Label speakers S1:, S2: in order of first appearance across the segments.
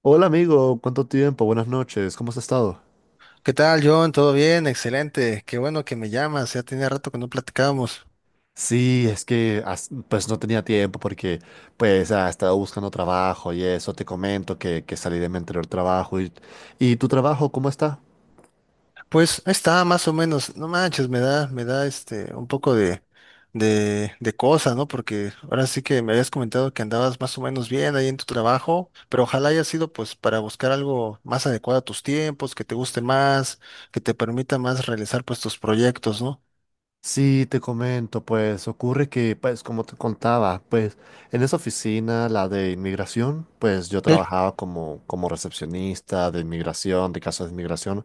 S1: Hola amigo, ¿cuánto tiempo? Buenas noches, ¿cómo has estado?
S2: ¿Qué tal, John? ¿Todo bien? Excelente. Qué bueno que me llamas. Ya tenía rato que no platicábamos.
S1: Sí, es que pues no tenía tiempo porque pues estaba buscando trabajo y eso, te comento que salí de mi anterior trabajo y tu trabajo, ¿cómo está?
S2: Pues ahí está, más o menos. No manches, me da este un poco de cosa, ¿no? Porque ahora sí que me habías comentado que andabas más o menos bien ahí en tu trabajo, pero ojalá haya sido pues para buscar algo más adecuado a tus tiempos, que te guste más, que te permita más realizar pues tus proyectos, ¿no?
S1: Sí, te comento, pues ocurre que, pues como te contaba, pues en esa oficina, la de inmigración, pues yo trabajaba como recepcionista de inmigración, de casos de inmigración,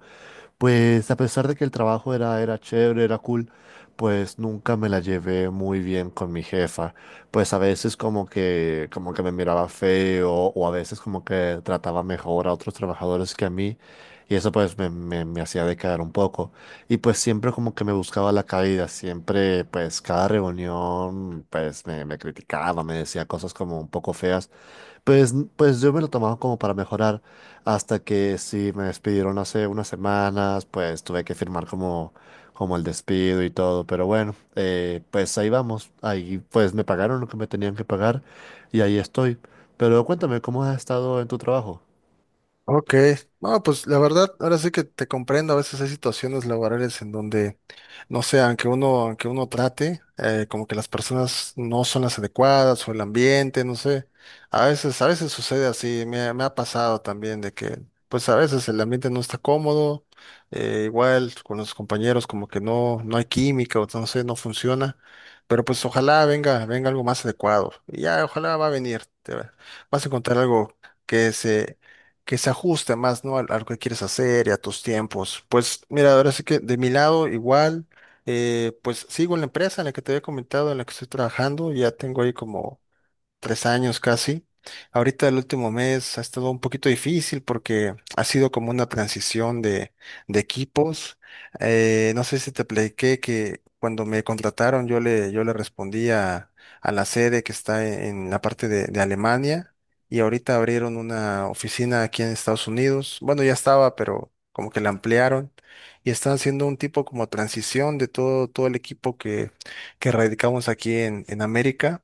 S1: pues a pesar de que el trabajo era chévere, era cool, pues nunca me la llevé muy bien con mi jefa. Pues a veces como que me miraba feo o a veces como que trataba mejor a otros trabajadores que a mí y eso pues me hacía decaer un poco. Y pues siempre como que me buscaba la caída, siempre pues cada reunión me criticaba, me decía cosas como un poco feas. Pues yo me lo tomaba como para mejorar hasta que sí me despidieron hace unas semanas, pues tuve que firmar como el despido y todo, pero bueno, pues ahí vamos, ahí pues me pagaron lo que me tenían que pagar y ahí estoy. Pero cuéntame, ¿cómo has estado en tu trabajo?
S2: Ok, no, pues la verdad, ahora sí que te comprendo, a veces hay situaciones laborales en donde, no sé, aunque uno trate, como que las personas no son las adecuadas o el ambiente, no sé, a veces sucede así, me ha pasado también de que, pues a veces el ambiente no está cómodo, igual con los compañeros como que no hay química o no sé, no funciona, pero pues ojalá venga algo más adecuado, y ya, ojalá va a venir, vas a encontrar algo que se que se ajuste más, ¿no? A lo que quieres hacer y a tus tiempos. Pues mira, ahora sí que de mi lado igual, pues sigo en la empresa en la que te había comentado, en la que estoy trabajando, ya tengo ahí como tres años casi. Ahorita el último mes ha estado un poquito difícil porque ha sido como una transición de equipos. No sé si te platiqué que cuando me contrataron yo le respondí a la sede que está en la parte de Alemania y ahorita abrieron una oficina aquí en Estados Unidos. Bueno, ya estaba, pero como que la ampliaron y están haciendo un tipo como transición de todo, todo el equipo que radicamos aquí en América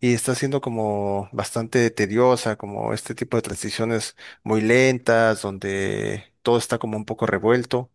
S2: y está siendo como bastante tediosa, como este tipo de transiciones muy lentas, donde todo está como un poco revuelto.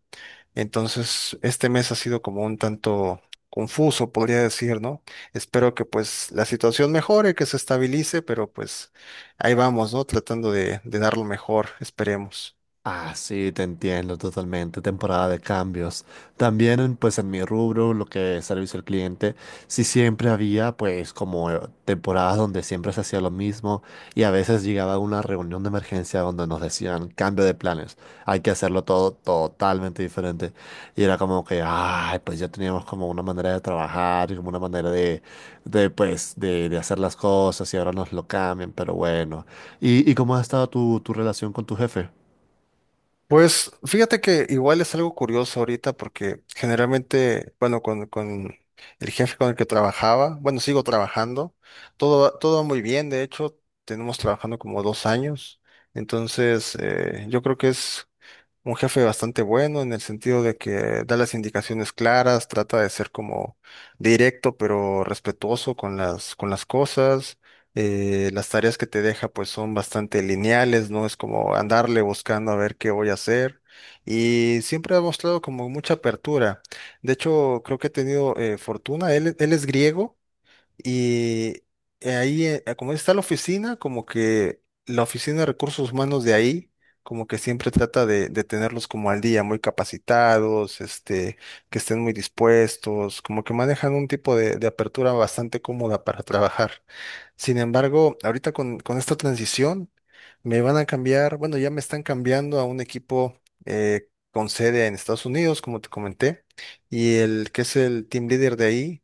S2: Entonces, este mes ha sido como un tanto confuso, podría decir, ¿no? Espero que pues la situación mejore, que se estabilice, pero pues ahí vamos, ¿no? Tratando de dar lo mejor, esperemos.
S1: Ah, sí, te entiendo totalmente. Temporada de cambios. También, pues, en mi rubro, lo que es servicio al cliente, sí siempre había, pues, como temporadas donde siempre se hacía lo mismo y a veces llegaba una reunión de emergencia donde nos decían cambio de planes. Hay que hacerlo todo totalmente diferente. Y era como que, ay, pues ya teníamos como una manera de trabajar y como una manera de pues, de hacer las cosas y ahora nos lo cambian, pero bueno. ¿ y cómo ha estado tu relación con tu jefe?
S2: Pues fíjate que igual es algo curioso ahorita porque generalmente, bueno, con el jefe con el que trabajaba, bueno, sigo trabajando, todo, todo va muy bien, de hecho, tenemos trabajando como dos años, entonces yo creo que es un jefe bastante bueno en el sentido de que da las indicaciones claras, trata de ser como directo pero respetuoso con las cosas. Las tareas que te deja pues son bastante lineales, no es como andarle buscando a ver qué voy a hacer. Y siempre ha mostrado como mucha apertura. De hecho, creo que he tenido fortuna. Él es griego. Y como está la oficina, como que la oficina de recursos humanos de ahí, como que siempre trata de tenerlos como al día, muy capacitados, este, que estén muy dispuestos, como que manejan un tipo de apertura bastante cómoda para trabajar. Sin embargo, ahorita con esta transición, me van a cambiar, bueno, ya me están cambiando a un equipo con sede en Estados Unidos, como te comenté, y el que es el team leader de ahí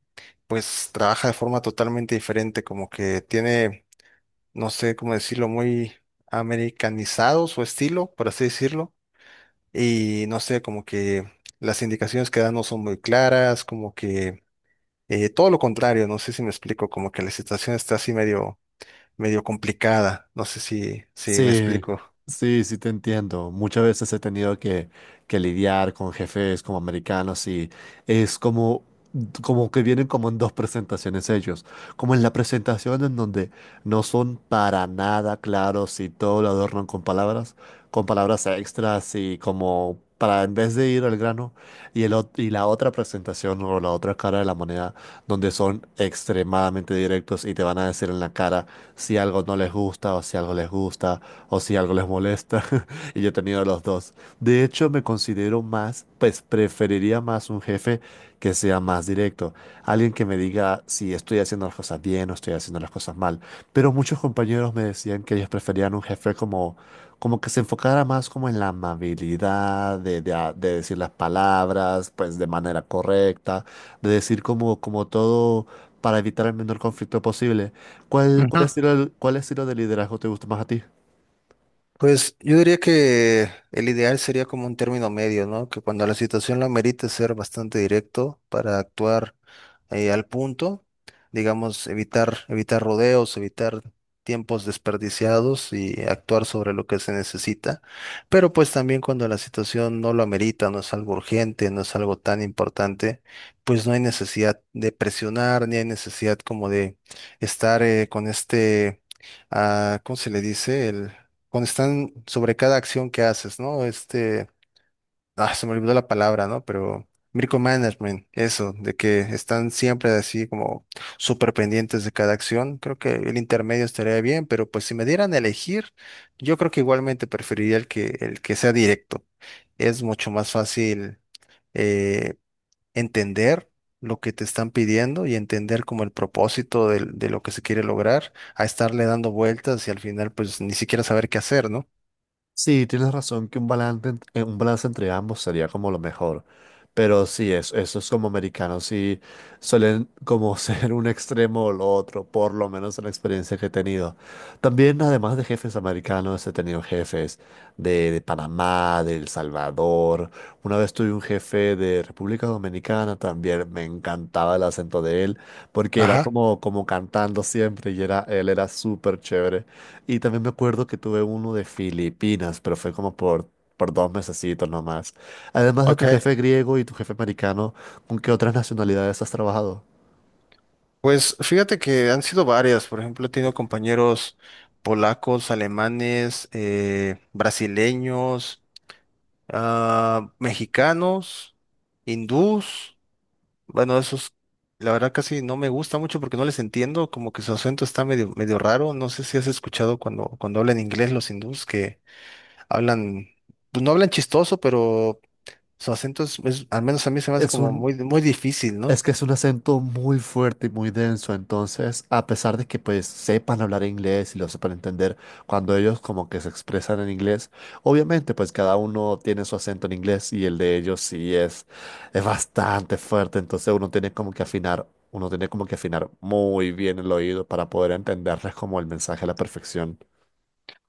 S2: pues trabaja de forma totalmente diferente, como que tiene, no sé cómo decirlo, muy americanizado su estilo, por así decirlo, y no sé, como que las indicaciones que da no son muy claras, como que todo lo contrario, no sé si me explico, como que la situación está así medio, medio complicada, no sé si me
S1: Sí,
S2: explico.
S1: sí, sí te entiendo. Muchas veces he tenido que lidiar con jefes como americanos y es como, como que vienen como en dos presentaciones ellos. Como en la presentación en donde no son para nada claros y todo lo adornan con palabras extras y como para en vez de ir al grano. Y la otra presentación o la otra cara de la moneda donde son extremadamente directos y te van a decir en la cara si algo no les gusta o si algo les gusta o si algo les molesta. Y yo he tenido los dos. De hecho, me considero más, pues preferiría más un jefe que sea más directo. Alguien que me diga si estoy haciendo las cosas bien o estoy haciendo las cosas mal. Pero muchos compañeros me decían que ellos preferían un jefe como que se enfocara más como en la amabilidad, de decir las palabras, pues de manera correcta, de decir como, como todo para evitar el menor conflicto posible. ¿ cuál
S2: Ujú.
S1: estilo, ¿cuál estilo de liderazgo te gusta más a ti?
S2: Pues yo diría que el ideal sería como un término medio, ¿no? Que cuando la situación lo amerite ser bastante directo para actuar al punto, digamos, evitar rodeos, evitar tiempos desperdiciados y actuar sobre lo que se necesita. Pero pues también cuando la situación no lo amerita, no es algo urgente, no es algo tan importante, pues no hay necesidad de presionar, ni hay necesidad como de estar con este, ah, ¿cómo se le dice? Cuando están sobre cada acción que haces, ¿no? Este, ah, se me olvidó la palabra, ¿no? Pero micromanagement, eso, de que están siempre así como súper pendientes de cada acción. Creo que el intermedio estaría bien, pero pues si me dieran a elegir, yo creo que igualmente preferiría el que sea directo. Es mucho más fácil eh, entender lo que te están pidiendo y entender como el propósito de lo que se quiere lograr, a estarle dando vueltas y al final pues ni siquiera saber qué hacer, ¿no?
S1: Sí, tienes razón que un balance, un balance entre ambos sería como lo mejor. Pero sí, es, eso es como americanos, sí suelen como ser un extremo o lo otro, por lo menos en la experiencia que he tenido. También, además de jefes americanos, he tenido jefes de Panamá, de El Salvador. Una vez tuve un jefe de República Dominicana, también me encantaba el acento de él, porque era
S2: Ajá.
S1: como, como cantando siempre y era, él era súper chévere. Y también me acuerdo que tuve uno de Filipinas, pero fue como por dos mesecitos nomás. Además de
S2: Ok,
S1: tu jefe griego y tu jefe americano, ¿con qué otras nacionalidades has trabajado?
S2: pues fíjate que han sido varias, por ejemplo, he tenido compañeros polacos, alemanes, brasileños, ah, mexicanos, hindús, bueno, esos la verdad casi no me gusta mucho porque no les entiendo, como que su acento está medio, medio raro, no sé si has escuchado cuando hablan inglés los hindús que hablan, pues no hablan chistoso, pero su acento al menos a mí se me hace
S1: Es
S2: como
S1: un
S2: muy, muy difícil, ¿no?
S1: Es que es un acento muy fuerte y muy denso, entonces, a pesar de que pues sepan hablar inglés y lo sepan entender, cuando ellos como que se expresan en inglés, obviamente pues cada uno tiene su acento en inglés y el de ellos sí es bastante fuerte, entonces uno tiene como que afinar, uno tiene como que afinar muy bien el oído para poder entenderles como el mensaje a la perfección.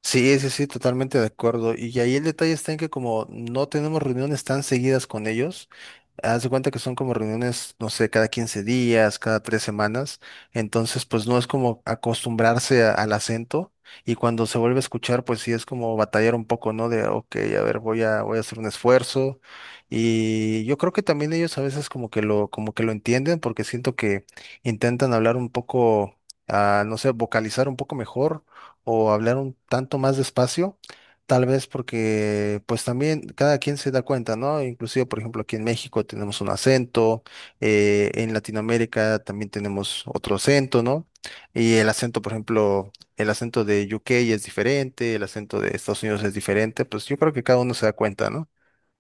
S2: Sí, sí, sí, totalmente de acuerdo. Y ahí el detalle está en que como no tenemos reuniones tan seguidas con ellos, haz de cuenta que son como reuniones, no sé, cada 15 días, cada tres semanas. Entonces, pues no es como acostumbrarse al acento. Y cuando se vuelve a escuchar, pues sí es como batallar un poco, ¿no? De, ok, a ver, voy a hacer un esfuerzo. Y yo creo que también ellos a veces como que lo entienden, porque siento que intentan hablar un poco, ah, no sé, vocalizar un poco mejor o hablar un tanto más despacio, tal vez porque pues también cada quien se da cuenta, ¿no? Inclusive, por ejemplo, aquí en México tenemos un acento, en Latinoamérica también tenemos otro acento, ¿no? Y el acento, por ejemplo, el acento de UK es diferente, el acento de Estados Unidos es diferente, pues yo creo que cada uno se da cuenta, ¿no?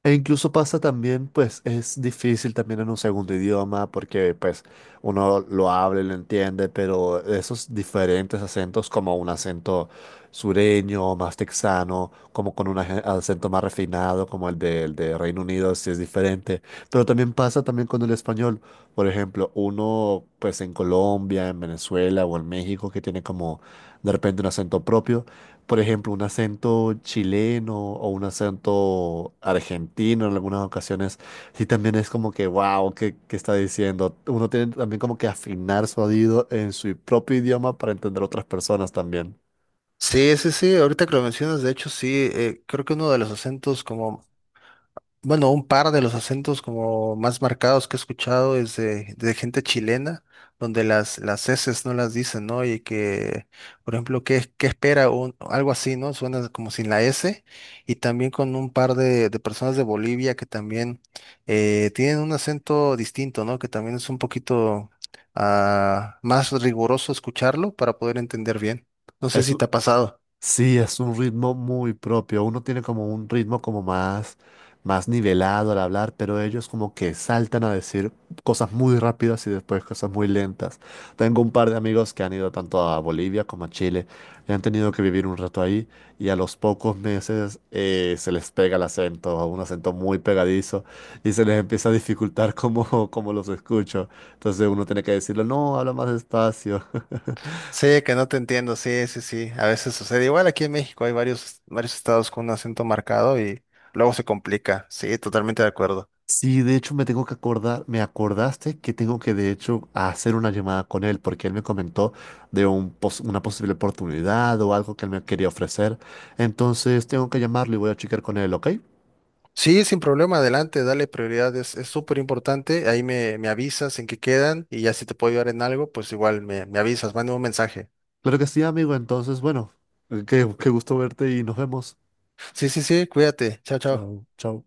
S1: E incluso pasa también, pues es difícil también en un segundo idioma porque pues uno lo habla y lo entiende, pero esos diferentes acentos como un acento sureño, más texano, como con un acento más refinado como el del de Reino Unido, sí es diferente. Pero también pasa también con el español. Por ejemplo, uno pues en Colombia, en Venezuela o en México que tiene como de repente un acento propio por ejemplo, un acento chileno o un acento argentino en algunas ocasiones, sí también es como que, wow, ¿ qué está diciendo? Uno tiene también como que afinar su oído en su propio idioma para entender a otras personas también.
S2: Sí, sí, sí, ahorita que lo mencionas, de hecho, sí, creo que uno de los acentos como bueno, un par de los acentos como más marcados que he escuchado es de gente chilena, donde las eses no las dicen, ¿no? Y que, por ejemplo, ¿qué, qué espera? Un, algo así, ¿no? Suena como sin la S. Y también con un par de personas de Bolivia que también tienen un acento distinto, ¿no? Que también es un poquito ah, más riguroso escucharlo para poder entender bien. No sé
S1: Es,
S2: si te ha pasado.
S1: Sí, es un ritmo muy propio. Uno tiene como un ritmo como más nivelado al hablar, pero ellos como que saltan a decir cosas muy rápidas y después cosas muy lentas. Tengo un par de amigos que han ido tanto a Bolivia como a Chile y han tenido que vivir un rato ahí y a los pocos meses se les pega el acento, un acento muy pegadizo y se les empieza a dificultar como, como los escucho. Entonces uno tiene que decirlo, no, habla más despacio.
S2: Sí, que no te entiendo, sí, sí, sí. A veces sucede. Igual aquí en México hay varios, varios estados con un acento marcado y luego se complica. Sí, totalmente de acuerdo.
S1: Sí, de hecho me tengo que acordar, me acordaste que tengo que de hecho hacer una llamada con él porque él me comentó de un una posible oportunidad o algo que él me quería ofrecer. Entonces tengo que llamarlo y voy a checar con él, ¿ok?
S2: Sí, sin problema, adelante, dale prioridad, es súper importante. Ahí me avisas en qué quedan y ya si te puedo ayudar en algo, pues igual me avisas, mándame un mensaje.
S1: Claro que sí, amigo. Entonces, bueno, qué gusto verte y nos vemos.
S2: Sí, sí, sí, cuídate. Chao, chao.
S1: Chao, chao.